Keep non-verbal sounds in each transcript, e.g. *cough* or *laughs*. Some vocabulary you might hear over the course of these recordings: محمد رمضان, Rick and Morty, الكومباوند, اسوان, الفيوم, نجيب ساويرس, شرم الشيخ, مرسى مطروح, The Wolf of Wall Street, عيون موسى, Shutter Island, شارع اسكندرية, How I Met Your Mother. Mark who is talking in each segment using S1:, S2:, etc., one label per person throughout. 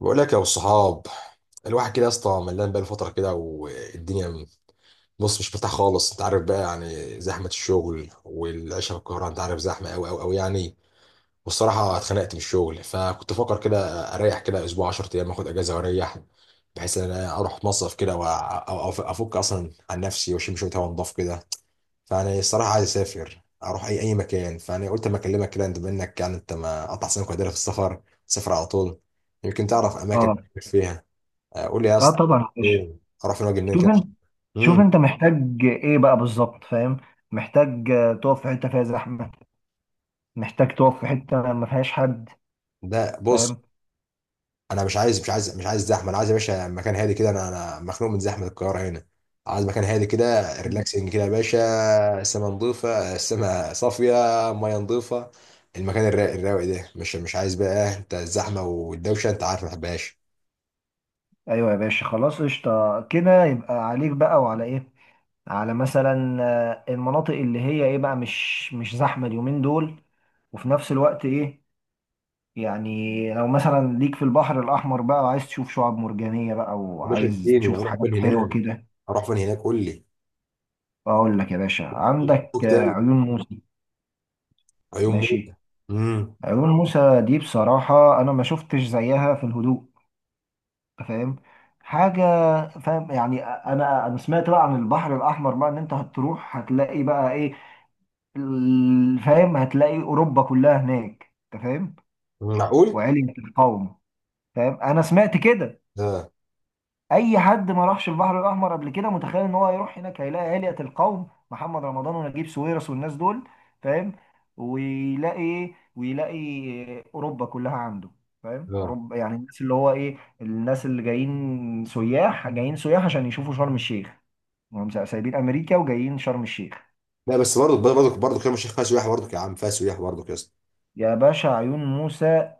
S1: بقول لك يا ابو الصحاب، الواحد كده يا اسطى ملان بقى فتره كده والدنيا بص مش مرتاح خالص، انت عارف بقى يعني زحمه الشغل والعيشه في القاهره، انت عارف زحمه قوي قوي قوي يعني. والصراحه اتخنقت من الشغل فكنت بفكر كده اريح كده اسبوع 10 ايام، اخد اجازه واريح، بحيث ان انا اروح مصيف كده وافك اصلا عن نفسي واشم شويه هوا نضاف كده. فانا الصراحه عايز اسافر اروح اي مكان، فانا قلت اما اكلمك كده، انت منك يعني انت ما قطع سنك وقدرها في السفر، سافر على طول يمكن تعرف اماكن
S2: اه
S1: فيها. قول لي يا
S2: اه
S1: اسطى
S2: طبعا يا باشا.
S1: ايه، اروح فين واجي منين
S2: شوف
S1: كده؟
S2: انت شوف
S1: امم
S2: انت محتاج ايه بقى بالظبط؟ فاهم. محتاج تقف في حته فيها زحمه، محتاج تقف في حته ما فيهاش حد،
S1: ده بص،
S2: فاهم؟
S1: انا مش عايز زحمه، انا عايز يا باشا مكان هادي كده، انا مخنوق من زحمه القاهره هنا. عايز مكان هادي كده،
S2: مم.
S1: ريلاكسنج كده يا باشا. السما نظيفه، السما صافيه، ميه نظيفه، المكان الرايق الرايق ده، مش عايز بقى انت الزحمه والدوشه، انت عارف ما بحبهاش.
S2: ايوه يا باشا، خلاص قشطه كده، يبقى عليك بقى وعلى ايه؟ على مثلا المناطق اللي هي ايه بقى، مش زحمه اليومين دول، وفي نفس الوقت ايه؟ يعني لو مثلا ليك في البحر الاحمر بقى وعايز تشوف شعاب مرجانيه بقى،
S1: يا باشا
S2: وعايز
S1: اديني
S2: تشوف
S1: اروح
S2: حاجات
S1: فين
S2: حلوه
S1: هناك؟
S2: كده،
S1: اروح فين هناك، قول لي.
S2: اقول لك يا باشا: عندك
S1: فوق تاني،
S2: عيون موسى.
S1: عيون موت.
S2: ماشي.
S1: امم
S2: عيون موسى دي بصراحة انا ما شفتش زيها في الهدوء. أنت فاهم؟ حاجة. فاهم يعني، انا سمعت بقى عن البحر الاحمر بقى، ان انت هتروح هتلاقي بقى ايه، فاهم، هتلاقي اوروبا كلها هناك. انت فاهم؟
S1: معقول؟
S2: وعلية القوم. فاهم، انا سمعت كده.
S1: اه.
S2: اي حد ما راحش البحر الاحمر قبل كده متخيل ان هو هيروح هناك هيلاقي هيئة القوم، محمد رمضان ونجيب ساويرس والناس دول. فاهم؟ ويلاقي ايه؟ ويلاقي اوروبا كلها عنده. فاهم؟
S1: اه،
S2: اوروبا، يعني الناس اللي هو ايه، الناس اللي جايين سياح، جايين سياح عشان يشوفوا شرم الشيخ. هم سايبين امريكا وجايين شرم الشيخ.
S1: لا بس برضه كلام الشيخ فيها سياح، برضه يا عم فيها سياح برضه يا اسطى.
S2: يا باشا، عيون موسى.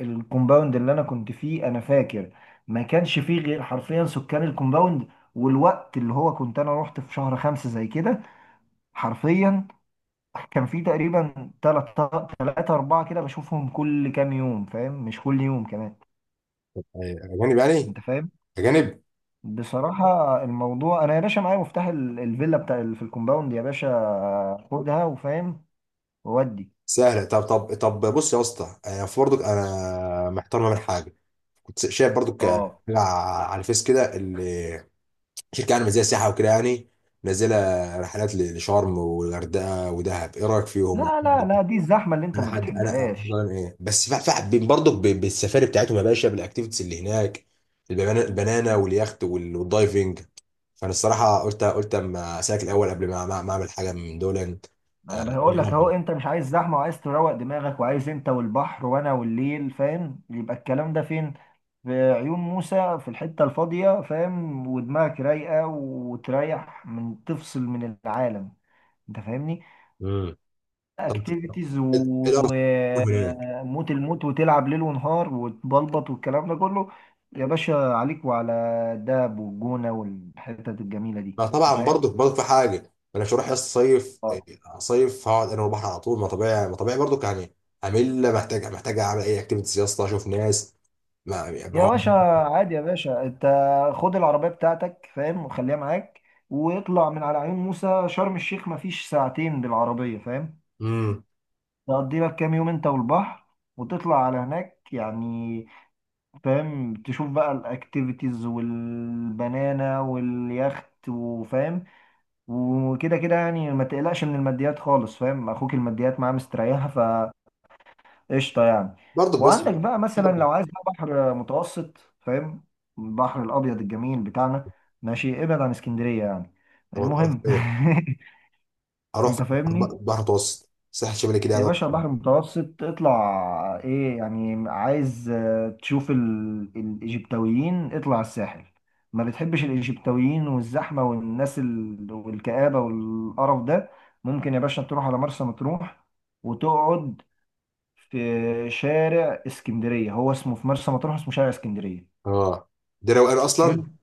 S2: الكومباوند اللي انا كنت فيه انا فاكر ما كانش فيه غير حرفيا سكان الكومباوند. والوقت اللي هو كنت انا رحت في شهر خمسة زي كده، حرفيا كان في تقريبا تلاتة تلاتة أربعة كده بشوفهم كل كام يوم، فاهم؟ مش كل يوم كمان.
S1: يعني اجانب يعني،
S2: أنت فاهم؟
S1: اجانب.
S2: بصراحة الموضوع، أنا يا باشا معايا مفتاح الفيلا بتاع في الكومباوند يا باشا، خدها وفاهم، وودي.
S1: سهله. طب بص يا اسطى، انا في برضه انا محتار ما بين حاجه، كنت شايف برضه حاجة
S2: أه
S1: على الفيس كده، اللي شركه يعني زي سياحه وكده يعني، نازله رحلات لشرم والغردقه ودهب، ايه رايك فيهم؟
S2: لا لا لا، دي الزحمة اللي أنت
S1: انا
S2: ما
S1: حد انا
S2: بتحبهاش.
S1: أنا ايه، بس في حابين برضه بالسفاري بتاعتهم يا باشا، بالاكتيفيتيز اللي هناك، البنانا واليخت والدايفنج. فانا الصراحه قلت اما اسالك الاول قبل ما اعمل حاجه من دول.
S2: انا
S1: ايه
S2: بقول لك اهو،
S1: الافضل؟
S2: انت مش عايز زحمه، وعايز تروق دماغك، وعايز انت والبحر وانا والليل، فاهم؟ يبقى الكلام ده فين؟ في عيون موسى، في الحته الفاضيه، فاهم، ودماغك رايقه، وتريح، من تفصل من العالم. انت فاهمني؟
S1: امم طب،
S2: اكتيفيتيز
S1: ايه الافضل هناك؟
S2: وموت الموت، وتلعب ليل ونهار وتبلبط والكلام ده كله. يا باشا عليك وعلى الدهب والجونه والحتت الجميله دي.
S1: ما
S2: انت
S1: طبعا
S2: فاهم؟
S1: برضو برضو في حاجه. ما انا مش هروح يا اسطى صيف. صيف هقعد انا والبحر على طول ما طبيعي ما طبيعي برضو يعني. همل محتاج اعمل اي اكتيفيتيز يا اسطى، اشوف ناس ما يعني
S2: يا
S1: هو.
S2: باشا عادي يا باشا انت، خد العربية بتاعتك، فاهم، وخليها معاك، واطلع من على عيون موسى شرم الشيخ مفيش ساعتين بالعربية، فاهم،
S1: امم
S2: تقضي لك كام يوم انت والبحر، وتطلع على هناك يعني. فاهم؟ تشوف بقى الاكتيفيتيز والبنانة واليخت، وفاهم، وكده كده يعني. ما تقلقش من الماديات خالص، فاهم، اخوك الماديات معاه مستريحة، قشطه يعني.
S1: برضو بس،
S2: وعندك بقى مثلا
S1: برضو.
S2: لو عايز بقى بحر متوسط، فاهم، البحر الابيض الجميل بتاعنا، ماشي، ابعد عن اسكندريه يعني.
S1: طب اروح
S2: المهم
S1: فين؟
S2: *laughs*
S1: اروح
S2: انت
S1: فين؟ البحر،
S2: فاهمني.
S1: البحر المتوسط، الساحل الشمالي كده
S2: يا
S1: يعني، أروح
S2: باشا
S1: فين؟
S2: البحر المتوسط اطلع، ايه يعني، عايز تشوف الايجيبتويين؟ اطلع الساحل. ما بتحبش الايجيبتويين والزحمه والناس والكآبه والقرف ده، ممكن يا باشا تروح على مرسى مطروح، وتقعد في شارع اسكندرية، هو اسمه في مرسى مطروح اسمه شارع اسكندرية.
S1: اه ده روقان اصلا،
S2: حلو.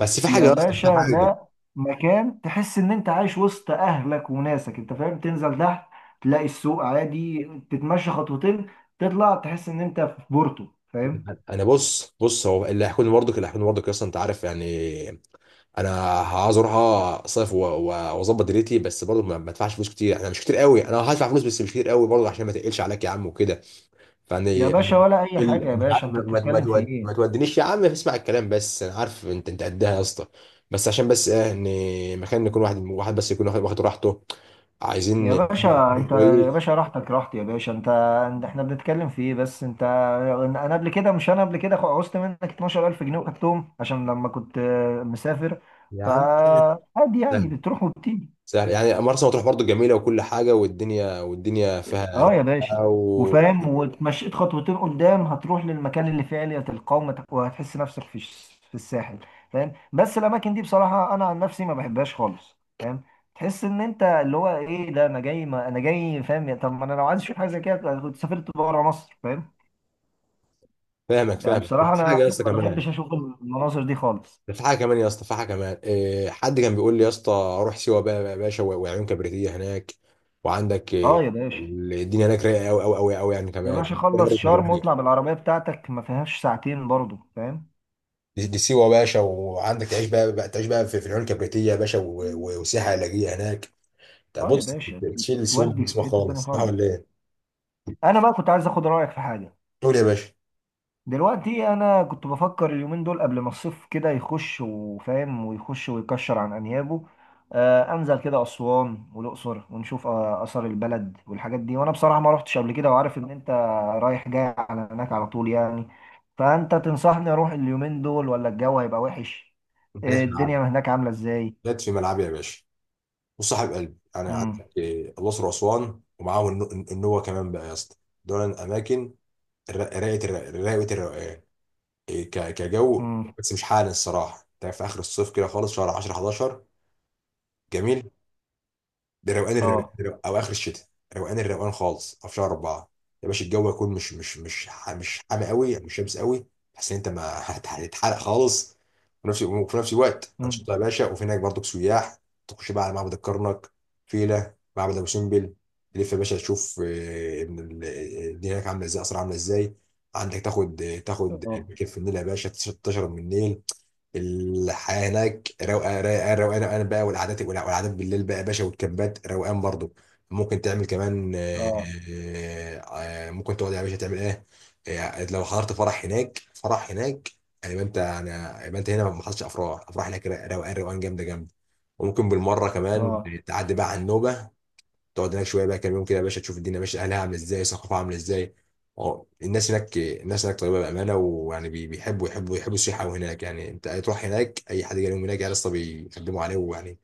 S1: بس في
S2: يا
S1: حاجه اصلا، في
S2: باشا،
S1: حاجه.
S2: ده مكان تحس ان انت عايش وسط اهلك وناسك. انت فاهم؟ تنزل تحت تلاقي السوق عادي، تتمشى خطوتين، تطلع تحس ان انت في بورتو، فاهم؟
S1: انا بص بص هو اللي هيحكوني برضك، اللي هيحكوني برضك اصلا، انت عارف يعني. انا عاوز اروح، اصيف واظبط دنيتي، بس برضه ما ادفعش فلوس كتير، انا مش كتير قوي، انا هدفع فلوس بس مش كتير قوي برضه عشان ما تقلش عليك يا عم وكده. فيعني
S2: يا باشا
S1: يعني
S2: ولا اي حاجة، يا
S1: مش عارف،
S2: باشا انت بتتكلم في ايه؟
S1: ما تودنيش يا عم، اسمع الكلام بس، انا عارف انت انت قدها يا اسطى. بس عشان بس ايه، ان مكان يكون واحد واحد بس، يكون واخد راحته. عايزين
S2: يا باشا
S1: مكان
S2: انت، يا
S1: كويس
S2: باشا راحتك راحت يا باشا، انت- احنا بنتكلم في ايه بس انت؟ انا قبل كده، مش انا قبل كده عوزت منك 12000 جنيه وخدتهم عشان لما كنت مسافر،
S1: يا عم.
S2: فعادي يعني
S1: *laughs*
S2: بتروح وبتيجي.
S1: سهل يعني، مرسى مطروح برضو جميلة وكل حاجة، والدنيا والدنيا فيها
S2: اه يا باشا،
S1: رايقة،
S2: وفاهم،
S1: وفاهمك.
S2: واتمشيت خطوتين قدام هتروح للمكان اللي فيه علية القوم، وهتحس نفسك في في الساحل، فاهم؟ بس الاماكن دي بصراحة انا عن نفسي ما بحبهاش خالص، فاهم، تحس ان انت اللي هو ايه، ده انا جاي، ما انا جاي، فاهم؟ طب ما انا لو عايز اشوف حاجه زي كده كنت سافرت بره مصر، فاهم؟
S1: فاهمك،
S2: يعني
S1: ده
S2: بصراحه
S1: في
S2: انا،
S1: حاجة
S2: أنا
S1: يا اسطى
S2: ما
S1: كمان.
S2: بحبش اشوف المناظر دي خالص.
S1: ده في حاجة كمان يا اسطى، في حاجة كمان إيه، حد كان بيقول لي يا اسطى روح سيوة بقى يا باشا وعيون كبريتية هناك، وعندك
S2: اه
S1: إيه،
S2: يا باشا.
S1: الدنيا هناك رايقة أوي أوي أوي أوي يعني
S2: يا
S1: كمان.
S2: باشا، خلص شرم واطلع بالعربيه بتاعتك ما فيهاش ساعتين برضه، فاهم؟
S1: دي سيوة يا باشا، وعندك تعيش بقى تعيش بقى في العيون الكبريتية يا باشا، وسياحة علاجية هناك. ده
S2: اه يا
S1: بص،
S2: باشا،
S1: تشيل السوم من
S2: تودي في
S1: جسمك
S2: حته تانيه
S1: خالص، صح
S2: خالص.
S1: ولا ايه؟
S2: انا بقى كنت عايز اخد رايك في حاجه.
S1: قول يا باشا.
S2: دلوقتي انا كنت بفكر اليومين دول، قبل ما الصيف كده يخش وفاهم، ويخش ويكشر عن انيابه، آه انزل كده اسوان والاقصر، ونشوف آه اثار البلد والحاجات دي، وانا بصراحه ما رحتش قبل كده، وعارف ان انت رايح جاي على هناك على طول يعني. فانت تنصحني اروح اليومين دول ولا الجو هيبقى وحش؟
S1: انت جاي
S2: آه
S1: في ملعبي،
S2: الدنيا هناك عامله ازاي؟
S1: جت في ملعبي يا باشا وصاحب قلبي يعني.
S2: امم.
S1: عندك إيه، الأقصر وأسوان ومعاهم النوبة كمان بقى يا اسطى. دول الأماكن رايقة الروقان. إيه، كجو.
S2: امم.
S1: بس مش حالا الصراحة، أنت في آخر الصيف كده خالص شهر 10 11 جميل، ده روقان الروقان
S2: اه.
S1: او اخر الشتاء، روقان الروقان خالص، او في شهر اربعه يا باشا. الجو يكون مش حامي قوي يعني، مش شمس قوي، تحس ان انت ما هت- هتتحرق خالص. وفي نفس الوقت
S2: امم.
S1: انشطه يا باشا، وفي هناك برضك سياح. تخش بقى على معبد الكرنك، فيله، معبد ابو سمبل، تلف يا باشا تشوف ابن الدنيا هناك عامله ازاي، اسرع عامله ازاي. عندك تاخد
S2: اه.
S1: مركب في النيل يا باشا، تشرب من النيل، الحياه هناك روقان روقان روقان روقان بقى، والقعدات، والقعدات بالليل بقى يا باشا، والكامبات روقان برضو. ممكن تعمل كمان
S2: اه.
S1: آه، ممكن تقعد يا باشا تعمل ايه. لو حضرت فرح هناك، فرح هناك يعني، يبقى انت انا يبقى انت هنا ما حصلش افراح، افراح هناك روقان روقان جامده جامده. وممكن بالمره كمان
S2: اه.
S1: تعدي بقى على النوبه، تقعد هناك شويه بقى كام يوم كده يا باشا، تشوف الدنيا ماشيه، اهلها عامله ازاي، ثقافه عامله ازاي. اه الناس هناك، الناس هناك طيبه بامانه، ويعني بي- بيحبوا يحبوا يحبوا السياحه هناك يعني، انت تروح هناك اي حد جاي لهم هناك يا اسطى بيخدموا عليه ويعني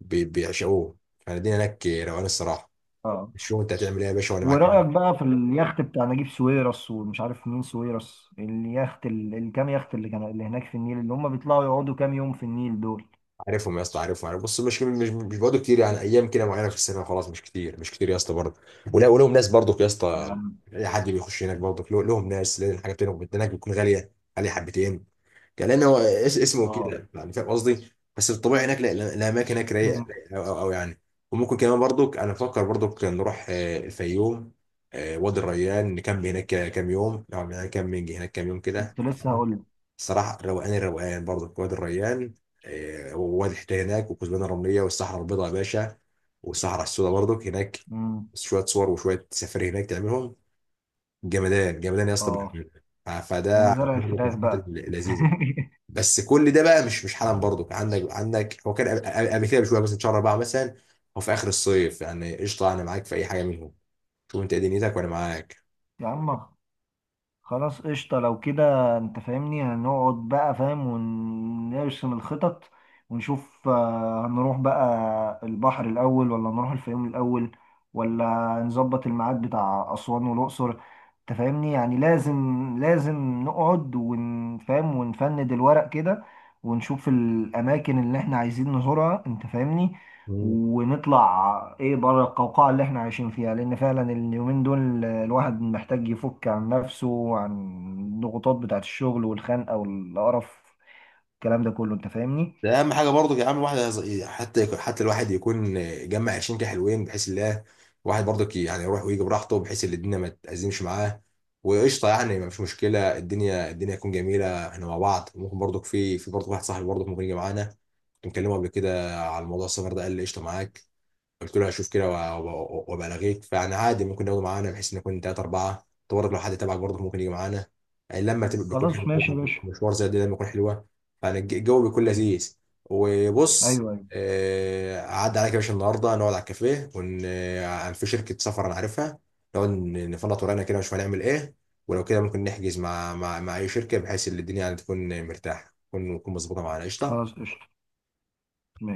S1: بيعشقوه. يعني الدنيا هناك روقان الصراحه.
S2: اه.
S1: شوف انت هتعمل ايه يا باشا وانا
S2: ورأيك
S1: معاك.
S2: بقى في اليخت بتاع نجيب ساويرس ومش عارف مين ساويرس، اليخت الكام يخت اللي كان اللي هناك في النيل، اللي هم بيطلعوا يقعدوا كام يوم في النيل دول؟
S1: عارفهم يا اسطى، عارف بص، مش برضه كتير يعني، ايام كده معينه في السنه خلاص، مش كتير يا اسطى برضه. ولا ولهم ناس برضه يا اسطى،
S2: نعم.
S1: اي حد بيخش هناك برضه لهم ناس، لان الحاجات هناك، هناك بتكون غاليه، غاليه حبتين. كان لان هو اسمه
S2: اه.
S1: كده يعني، فاهم قصدي. بس الطبيعي هناك، الاماكن هناك رايقه
S2: مم.
S1: رايقة او يعني. وممكن كمان برضك انا بفكر برضك نروح الفيوم، وادي الريان، نكمل هناك كام يوم، نقعد هناك كام، نيجي هناك كام يوم كده
S2: كنت لسه هقول
S1: الصراحه.
S2: لك.
S1: روقان الروقان برضك وادي الريان، ووادي حيتان هناك، والكثبان الرمليه، والصحراء البيضاء يا باشا، والصحراء السوداء برضك هناك،
S2: مم.
S1: شويه صور وشويه سفاري هناك تعملهم، جمدان جمدان يا اسطى
S2: اه.
S1: بأمانة. فده
S2: ومزارع الفراخ بقى
S1: لذيذ.
S2: *laughs*
S1: بس كل ده بقى، مش مش حالا برضو، كان عندك عندك هو كان قبل كده بشويه، مثلا شهر اربعه مثلا، او في اخر الصيف يعني، قشطه انا معاك في اي حاجه منهم. شوف انت ايه دنيتك وانا معاك.
S2: يا عم خلاص قشطة، لو كده انت فاهمني، هنقعد بقى، فاهم، ونرسم الخطط، ونشوف هنروح بقى البحر الأول ولا نروح الفيوم الأول، ولا نظبط الميعاد بتاع أسوان والأقصر. انت فاهمني يعني؟ لازم لازم نقعد ونفهم ونفند الورق كده، ونشوف الأماكن اللي احنا عايزين نزورها. انت فاهمني؟
S1: مم.
S2: ونطلع ايه بره القوقعة اللي احنا عايشين فيها، لان فعلا اليومين دول الواحد محتاج يفك عن نفسه، وعن الضغوطات بتاعت الشغل والخنقة والقرف، الكلام ده كله انت فاهمني.
S1: ده اهم حاجه برضو يا عم، الواحد حتى الواحد يكون جمع 20 كده حلوين، بحيث الله، الواحد برضو يعني يروح ويجي براحته، بحيث ان الدنيا ما تأزمش معاه، وقشطه يعني مفيش مشكله. الدنيا تكون جميله، احنا مع بعض. ممكن برضو في برضو واحد صاحبي برضو ممكن يجي معانا، كنت مكلمه قبل كده على موضوع السفر ده، قال لي قشطه معاك، قلت له هشوف كده وابلغيك. فانا عادي ممكن ناخده معانا، بحيث ان نكون ثلاثه اربعه. انت برضه لو حد تبعك برضه ممكن يجي معانا. لما تبقى بيكون
S2: خلاص
S1: حلو
S2: ماشي يا
S1: طبعاً.
S2: باشا.
S1: مشوار زي ده لما يكون حلوه، فانا الجو بيكون لذيذ. وبص،
S2: ايوه ايوه.
S1: عدى عليك يا باشا النهارده نقعد على الكافيه ون آه، في شركه سفر انا عارفها، نقعد نفلط ورانا كده ونشوف هنعمل ايه، ولو كده ممكن نحجز مع مع اي شركه، بحيث ان الدنيا يعني تكون مرتاحه، تكون مظبوطه معانا.
S2: خلاص
S1: قشطه.
S2: قشطة، ماشي.